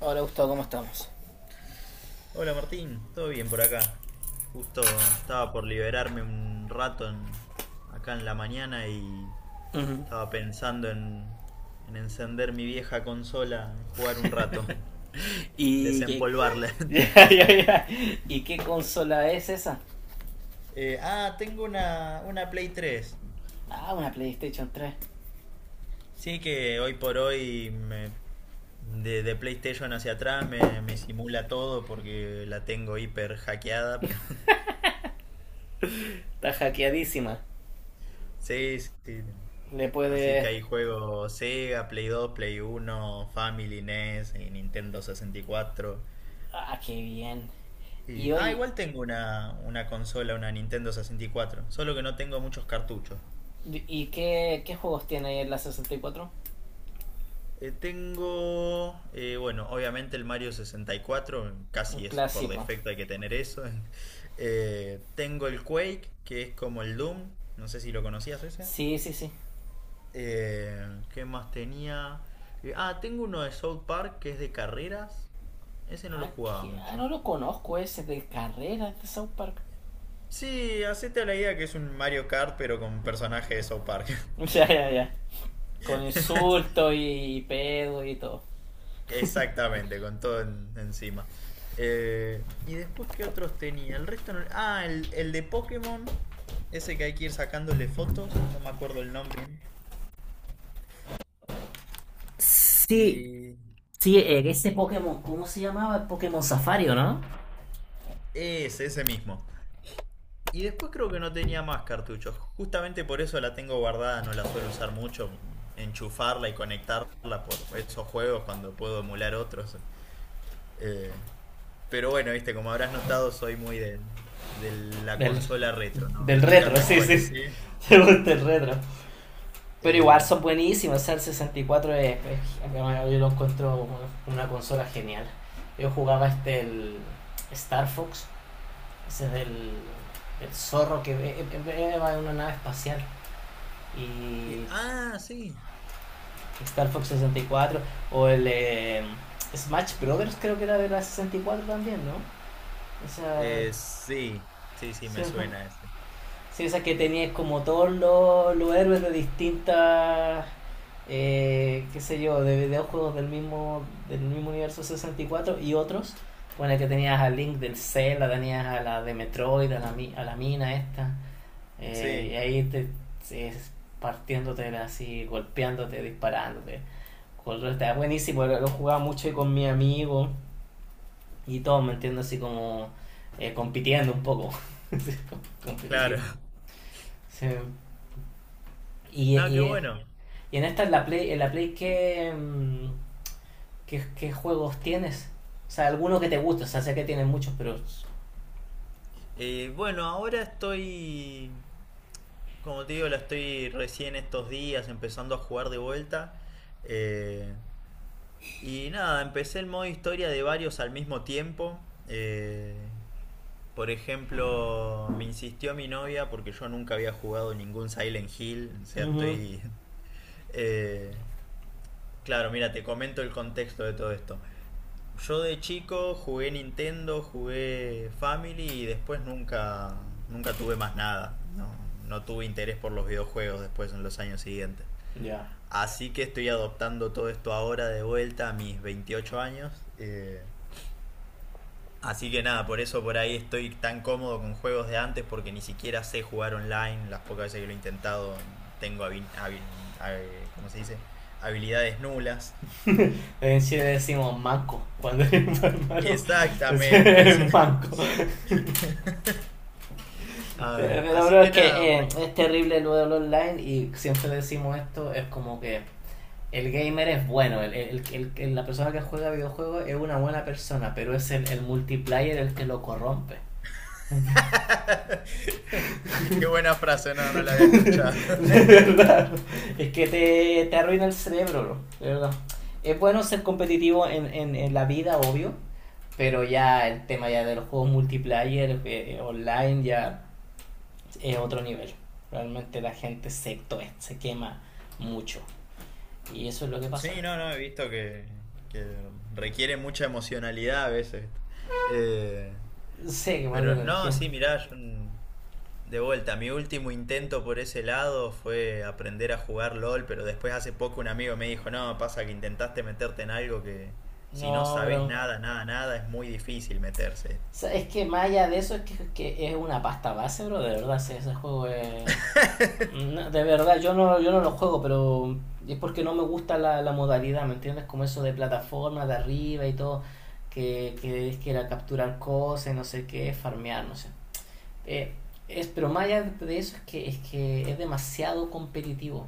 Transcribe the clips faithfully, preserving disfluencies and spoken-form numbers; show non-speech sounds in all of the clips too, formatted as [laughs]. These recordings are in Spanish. Hola Gustavo, ¿cómo estamos? Hola Martín, ¿todo bien por acá? Justo estaba por liberarme un rato en- acá en la mañana y Ujú. estaba pensando en, en encender mi vieja consola, en jugar un rato, Y qué desempolvarla. [laughs] [laughs] Ya, ya, ya. ¿Y qué consola es esa? Eh, ah, tengo una, una Play tres. Ah, una PlayStation tres. Sí que hoy por hoy me- de, de PlayStation hacia atrás me, me simula todo porque la tengo hiper hackeada, pero [laughs] Está hackeadísima. sí, sí. Le Así que puedes... ahí juego Sega, Play dos, Play uno, Family, NES, y Nintendo sesenta y cuatro. Ah, qué bien. Y Y ah, oye, igual tengo una, una consola, una Nintendo sesenta y cuatro, solo que no tengo muchos cartuchos. ¿y qué, qué juegos tiene ahí en la sesenta y cuatro? Eh, tengo, eh, bueno, obviamente el Mario sesenta y cuatro, Un casi es por clásico. defecto hay que tener eso. [laughs] Eh, tengo el Quake, que es como el Doom, no sé si lo conocías ese. Sí, sí, sí. Eh, ¿qué más tenía? Eh, ah, tengo uno de South Park que es de carreras. Ese no lo Ah, jugaba qué- ah, mucho. no lo conozco ese de carreras de South Park. Sí, hacete la idea que es un Mario Kart, pero con personaje de South Park. [laughs] [laughs] Ya, ya, ya. Con insultos y pedo y todo. Exactamente, con todo en- encima. Eh, y después, ¿qué otros tenía? El resto no. Ah, el, el de Pokémon. Ese que hay que ir sacándole fotos. No me acuerdo el nombre. Sí, Y... sí, eh, ese Pokémon, ¿cómo se llamaba? El Pokémon Safari, ¿o ¿no? Ese, ese mismo. Y después creo que no tenía más cartuchos. Justamente por eso la tengo guardada, no la suelo usar mucho. Enchufarla y conectarla por esos juegos cuando puedo emular otros. Eh, pero bueno, viste, como habrás notado, soy muy de, de la Del, consola retro, ¿no? del Nunca retro, me sí, sí. actualicé. [laughs] Me gusta el retro. Pero igual Eh, son buenísimos. O sea, el sesenta y cuatro es, es- yo lo encuentro una consola genial. Yo jugaba este el Star Fox, ese es del, del zorro que va en una nave espacial. Y y- ah, sí. Star Fox sesenta y cuatro o el eh, Smash Brothers creo que era de la sesenta y cuatro también, ¿no? O sea, Eh, sí, sí, sí, sí, me ajá. suena ese. Sí, o sea, que tenías como todos los, los héroes de distintas, eh, qué sé yo, de videojuegos del mismo, del mismo universo sesenta y cuatro y cuatro y otros. Bueno, que tenías a Link del Zelda, tenías a la de Metroid, a la, mi- a la mina esta. eh, y Sí, ahí te, es partiéndote así, golpeándote, disparándote. Control está buenísimo, lo, lo jugaba mucho y con mi amigo y todo, me entiendo así como eh, compitiendo un poco. [laughs] claro. Competitivo. [laughs] Sí. Y, No, qué y, bueno. y en esta, en la Play, en la Play ¿qué, mm, ¿qué, qué juegos tienes? O sea, algunos que te guste, o sea, sé que tienes muchos, pero... Eh, bueno, ahora estoy, como te digo, la estoy recién estos días empezando a jugar de vuelta. Eh, y nada, empecé el modo historia de varios al mismo tiempo. Eh, por ejemplo, me insistió mi novia porque yo nunca había jugado ningún Silent Hill. O sea, Ujú. estoy. [laughs] eh, claro, mira, te comento el contexto de todo esto. Yo de chico jugué Nintendo, jugué Family y después nunca, nunca tuve más nada. No, no tuve interés por los videojuegos después en los años siguientes. Ya. Así que estoy adoptando todo esto ahora de vuelta a mis veintiocho años, eh, así que nada, por eso por ahí estoy tan cómodo con juegos de antes porque ni siquiera sé jugar online. Las pocas veces que lo he intentado tengo habi- habi- habi- ¿cómo se dice? Habilidades nulas. [laughs] En Chile decimos manco, cuando [laughs] es malo, es Exactamente. [laughs] [laughs] manco. A Pero, ver, pero, así bro, es que nada, que por eh, es ejemplo. terrible lo del online y siempre decimos esto, es como que el gamer es bueno, el, el- el- el- la persona que juega videojuegos es una buena persona, pero es el, el multiplayer el que lo corrompe. [laughs] [laughs] Qué buena frase, no, [laughs] no la había escuchado. De verdad. Es que te, te arruina el cerebro, bro. De verdad. Es bueno ser competitivo en, en, en la vida, obvio. Pero ya el tema ya de los juegos multiplayer, eh, online, ya es otro nivel. Realmente la gente se, se quema mucho. Y eso es lo que pasa. Sí, no, no, he visto que, que, requiere mucha emocionalidad a veces. Eh, Sé que mal de pero no, energía. sí, mirá, yo, mm, de vuelta, mi último intento por ese lado fue aprender a jugar LOL, pero después hace poco un amigo me dijo, no, pasa que intentaste meterte en algo que si no No, bro. sabes O nada, nada, nada, es muy difícil meterse. sea, es que más allá de eso, es que, que es una pasta base, bro. De verdad, ese, ese juego es... No, de verdad, yo no, yo no lo juego, pero es porque no me gusta la, la modalidad, ¿me entiendes? Como eso de plataforma, de arriba y todo, que, que es que era capturar cosas, no sé qué, farmear, no sé. Eh, es, pero más allá de eso es que es, que es demasiado competitivo.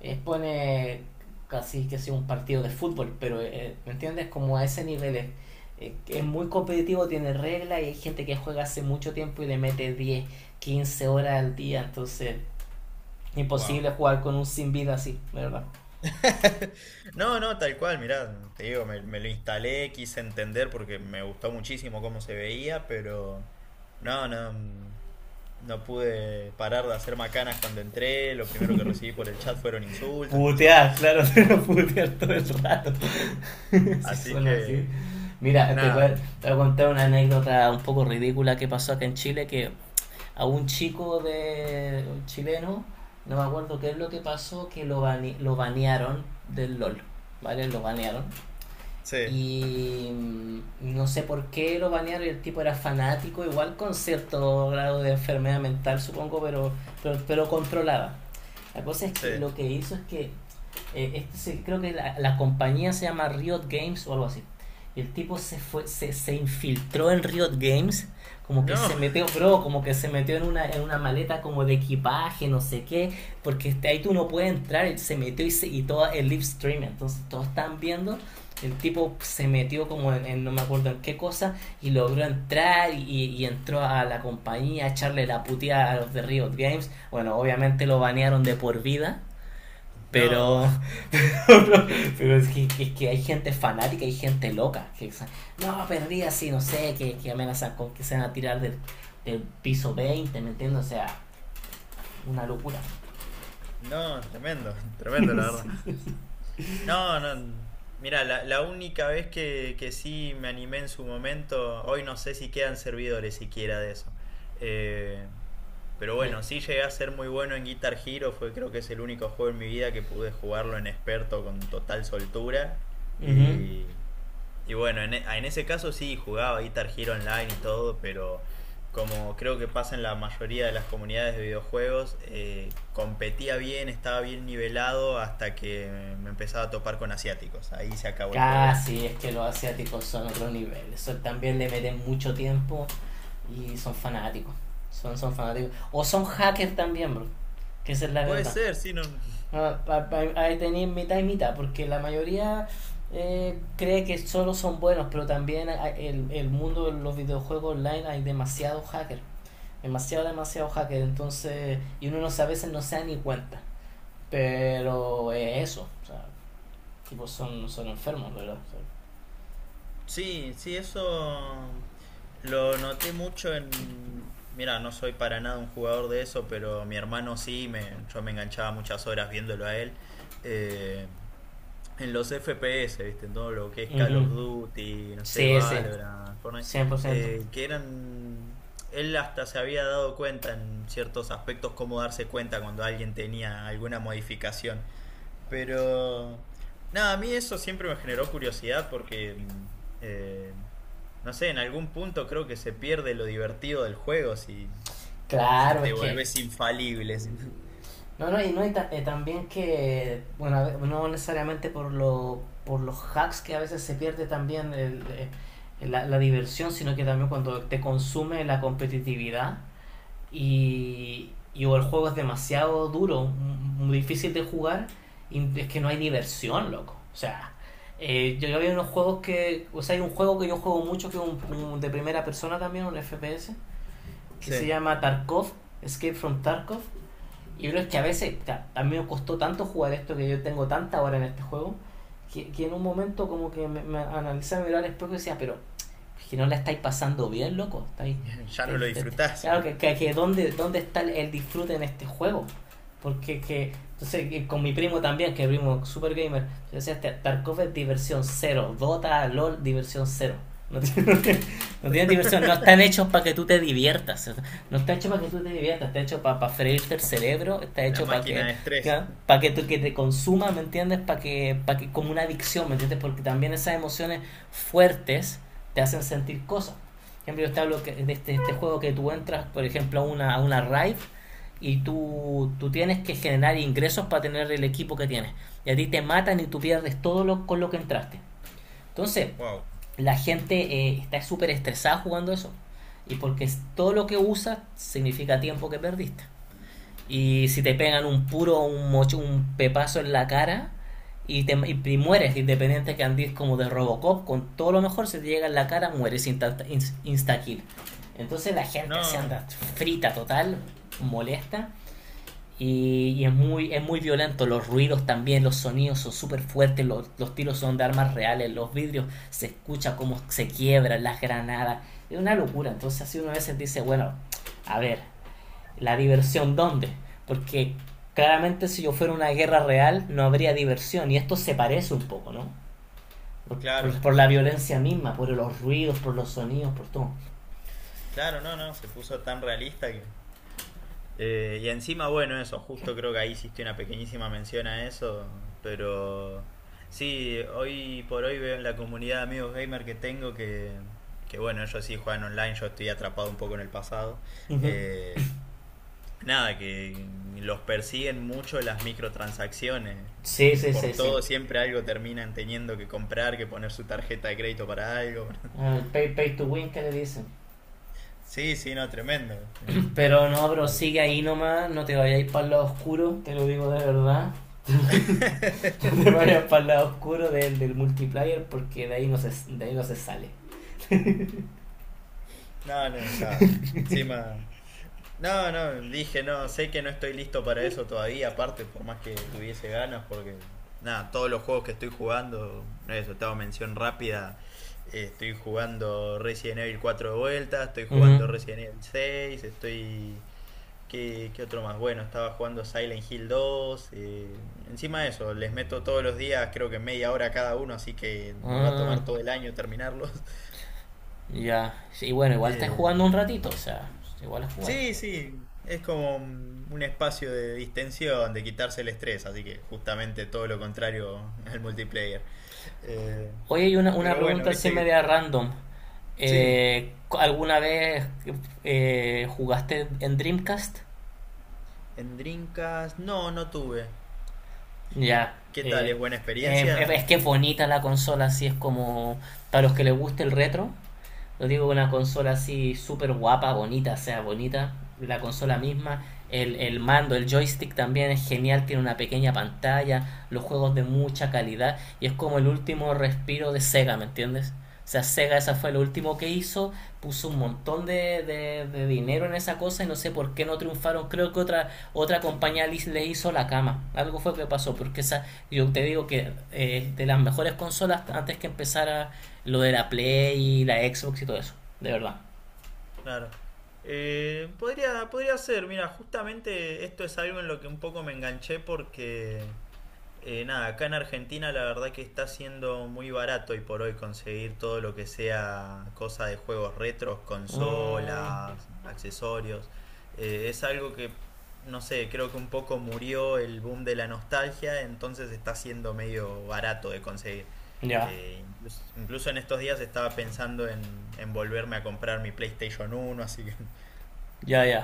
Eh, pone casi que sea un partido de fútbol, pero eh, ¿me entiendes? Como a ese nivel es, eh, que es muy competitivo, tiene reglas y hay gente que juega hace mucho tiempo y le mete diez quince horas al día, entonces Wow. imposible jugar con un sin vida así, ¿verdad? [laughs] No, no, tal cual, mirá, te digo, me, me, lo instalé, quise entender porque me gustó muchísimo cómo se veía, pero no, no, mm, no pude parar de hacer macanas cuando entré, lo primero que recibí por el chat fueron insultos y [laughs] no sé más. Putear, claro, [laughs] te lo putear todo el rato. [laughs] si sí, Así son así. que, Mira, te voy, a, te nada, voy a contar una anécdota un poco ridícula que pasó acá en Chile, que a un chico de un chileno, no me acuerdo qué es lo que pasó, que lo, bane- lo banearon del LOL, ¿vale? Lo banearon. sí, Y mm, no sé por qué lo banearon. El tipo era fanático, igual con cierto grado de enfermedad mental, supongo, pero, pero, pero controlaba. La cosa es sí. que lo que hizo es que eh, este se- creo que la, la compañía se llama Riot Games o algo así. Y el tipo se fue, se, se infiltró en Riot Games, como que se No, metió, bro, como que se metió en una, en una maleta como de equipaje, no sé qué, porque este, ahí tú no puedes entrar, él se metió y, se, y todo el live stream, entonces todos están viendo el tipo se metió como en, en no me acuerdo en qué cosa y logró entrar y, y entró a la compañía a echarle la puteada a los de Riot Games. Bueno, obviamente lo banearon de por vida, [laughs] no, pero, [laughs] pero es, que, es que hay gente fanática, hay gente loca. Que, no, perdí así, no sé, que, que amenazan con que se van a tirar del, del piso veinte, ¿me entiendes? O sea, una locura. [laughs] no, tremendo, Sí, tremendo la verdad. sí, sí. No, no. Mira, la, la única vez que, que sí me animé en su momento, hoy no sé si quedan servidores siquiera de eso. Eh, pero De, bueno, sí llegué a ser muy bueno en Guitar Hero, fue creo que es el único juego en mi vida que pude jugarlo en experto con total soltura. uh -huh. Y bueno, en, e- ah, en ese caso sí jugaba Guitar Hero Online y todo, pero como creo que pasa en la mayoría de las comunidades de videojuegos, eh, competía bien, estaba bien nivelado hasta que me empezaba a topar con asiáticos. Ahí se acabó el juego. [laughs] ¿Viste? Casi, es que los asiáticos son otro nivel. Eso también le meten mucho tiempo y son fanáticos. Son, son fanáticos. O son hackers también, bro. Que esa es la Puede verdad. ser, sí, no. Ah, pa- pa- ahí tenéis mitad y mitad, porque la mayoría eh, cree que solo son buenos, pero también hay- el, el mundo de los videojuegos online hay demasiado hacker. Demasiado, demasiado hacker. Entonces, y uno no se- a veces no se da ni cuenta. Pero es eso. O sea, tipo son, son enfermos, ¿verdad? Sí, sí, eso lo noté mucho en. Mira, no soy para nada un jugador de eso, pero mi hermano sí, me, yo me enganchaba muchas horas viéndolo a él. Eh, En los F P S, ¿viste? En todo lo que es O sea, Call ujú. of Duty, no sé, Sí, sí, Valorant, Fortnite, cien por ciento. eh, que eran. Él hasta se había dado cuenta en ciertos aspectos cómo darse cuenta cuando alguien tenía alguna modificación. Pero. Nada, a mí eso siempre me generó curiosidad porque mm, eh, no sé, en algún punto creo que se pierde lo divertido del juego si, si, Claro, es te que... volvés infalible. si- [laughs] No, no, y, no, y ta- eh, también que, bueno, a ve- no necesariamente por, lo, por los hacks que a veces se pierde también el, eh, la, la diversión, sino que también cuando te consume la competitividad y, y o el juego es demasiado duro, m- muy difícil de jugar, y es que no hay diversión, loco. O sea, eh, yo, yo había unos juegos que, o sea, hay un juego que yo juego mucho, que es un, un de primera persona también, un F P S, que Sí, se llama Tarkov, Escape from Tarkov. Y yo creo que a veces, ca- a mí me costó tanto jugar esto que yo tengo tanta hora en este juego, que, que en un momento como que me, me analicé, me miraba al espejo y decía, pero es que no la estáis pasando bien, loco. Estáis, [laughs] ya no estáis- lo estáis- disfrutás. claro, que, que, que ¿dónde, dónde está el disfrute en este juego? Porque que, entonces, con mi primo también, que es primo super gamer, yo decía, "Este Tarkov es diversión cero, Dota, LOL, diversión cero. No [laughs] tiene, no tiene diversión, no están hechos para que tú te diviertas. No está hecho para que tú te diviertas, está hecho para, para freírte el cerebro, está La hecho para que, máquina de estrés. ¿ya? para que tú que te consumas, ¿me entiendes? Para que, para que como una adicción, ¿me entiendes? Porque también esas emociones fuertes te hacen sentir cosas. Por ejemplo, yo te hablo que- de este, este juego que tú entras, por ejemplo, a una, a una raid y tú, tú tienes que generar ingresos para tener el equipo que tienes. Y a ti te matan y tú pierdes todo lo con lo que entraste. Entonces, Wow. la gente eh, está súper estresada jugando eso. Y porque es- todo lo que usas significa tiempo que perdiste. Y si te pegan un puro, un mocho, un pepazo en la cara y, te, y, y mueres, independiente que andes como de Robocop, con todo lo mejor, se te llega en la cara, mueres insta, insta kill. Entonces la gente se No, anda frita total, molesta. Y, y es, muy, es muy violento, los ruidos también, los sonidos son súper fuertes, los, los tiros son de armas reales, los vidrios se escucha cómo se quiebran, las granadas, es una locura. Entonces así uno a veces dice, bueno, a ver, ¿la diversión dónde? Porque claramente si yo fuera una guerra real no habría diversión y esto se parece un poco, ¿no? Por, claro, por, Por la violencia misma, por los ruidos, por los sonidos, por todo. claro, no, no, se puso tan realista que. Eh, y encima, bueno, eso, justo creo que ahí hiciste una pequeñísima mención a eso, pero sí, hoy por hoy veo en la comunidad de amigos gamer que tengo que, que bueno, ellos sí juegan online, yo estoy atrapado un poco en el pasado. Ujú. Eh, nada, que los persiguen mucho las microtransacciones. Sí, sí, sí, Por sí. todo siempre algo terminan teniendo que comprar, que poner su tarjeta de crédito para algo. Ah, el pay, pay to win que le dicen. Sí, sí, no, tremendo. este, Pero no, pero sigue ahí nomás, no te vayas para el lado oscuro, te lo digo de verdad. [laughs] No te vayas para el lado oscuro del, del multiplayer porque de ahí no se, de ahí no se sale. No, no dejaba. Encima. No, no, dije, no, sé que no estoy listo para eso todavía, aparte, por más que tuviese ganas, porque. Nada, todos los juegos que estoy jugando, eso, te hago mención rápida. eh, Estoy jugando Resident Evil cuatro de vuelta, estoy Ujú. jugando Resident Evil seis, estoy. ¿Qué, qué otro más? Bueno, estaba jugando Silent Hill dos. eh, encima de eso, les meto todos los días, creo que media hora cada uno, así que me va a Ah, tomar todo el año terminarlos. ya. Y bueno, igual estás Eh, jugando un ratito, o sea, igual la jugáis. sí, sí, es como un un espacio de distensión, de quitarse el estrés, así que justamente todo lo contrario [laughs] al multiplayer. Eh, Oye, hay una, una pero bueno, pregunta así viste media que. random. Sí, Eh, ¿alguna vez eh, jugaste en Dreamcast? en Dreamcast no, no tuve. Ya. ¿Qué tal? eh, ¿Es buena eh, experiencia? es que es bonita la consola, así es como para los que les guste el retro. No digo una consola así súper guapa, bonita, sea bonita. La consola misma, el, el mando, el joystick también es genial, tiene una pequeña pantalla, los juegos de mucha calidad y es como el último respiro de Sega, ¿me entiendes? O sea, Sega esa fue lo último que hizo, puso un montón de, de, de dinero en esa cosa y no sé por qué no triunfaron. Creo que otra otra compañía le, le hizo la cama. Algo fue que pasó, porque esa, yo te digo que eh, de las mejores consolas antes que empezara lo de la Play y la Xbox y todo eso, de verdad. Claro. Eh, podría, podría ser, mira, justamente esto es algo en lo que un poco me enganché porque. Eh, nada, acá en Argentina la verdad que está siendo muy barato hoy por hoy conseguir todo lo que sea cosa de juegos retros, Mm, consolas, accesorios. Eh, es algo que, no sé, creo que un poco murió el boom de la nostalgia, entonces está siendo medio barato de conseguir. ya, Eh, incluso, incluso en estos días estaba pensando en, en, volverme a comprar mi PlayStation uno así que, [laughs] ya, ya.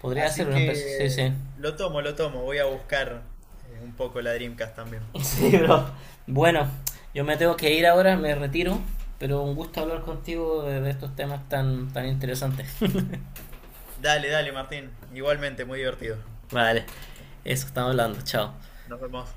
Podría ser así una P C, sí, que sí. lo tomo, lo tomo, voy a buscar eh, un poco la Dreamcast también. [laughs] Sí, bro. Bueno, yo me tengo que ir ahora, me retiro, pero un gusto hablar contigo de, de estos temas tan, tan interesantes. Dale, dale, Martín. Igualmente, muy divertido. Vale, eso estamos hablando, chao. Nos vemos.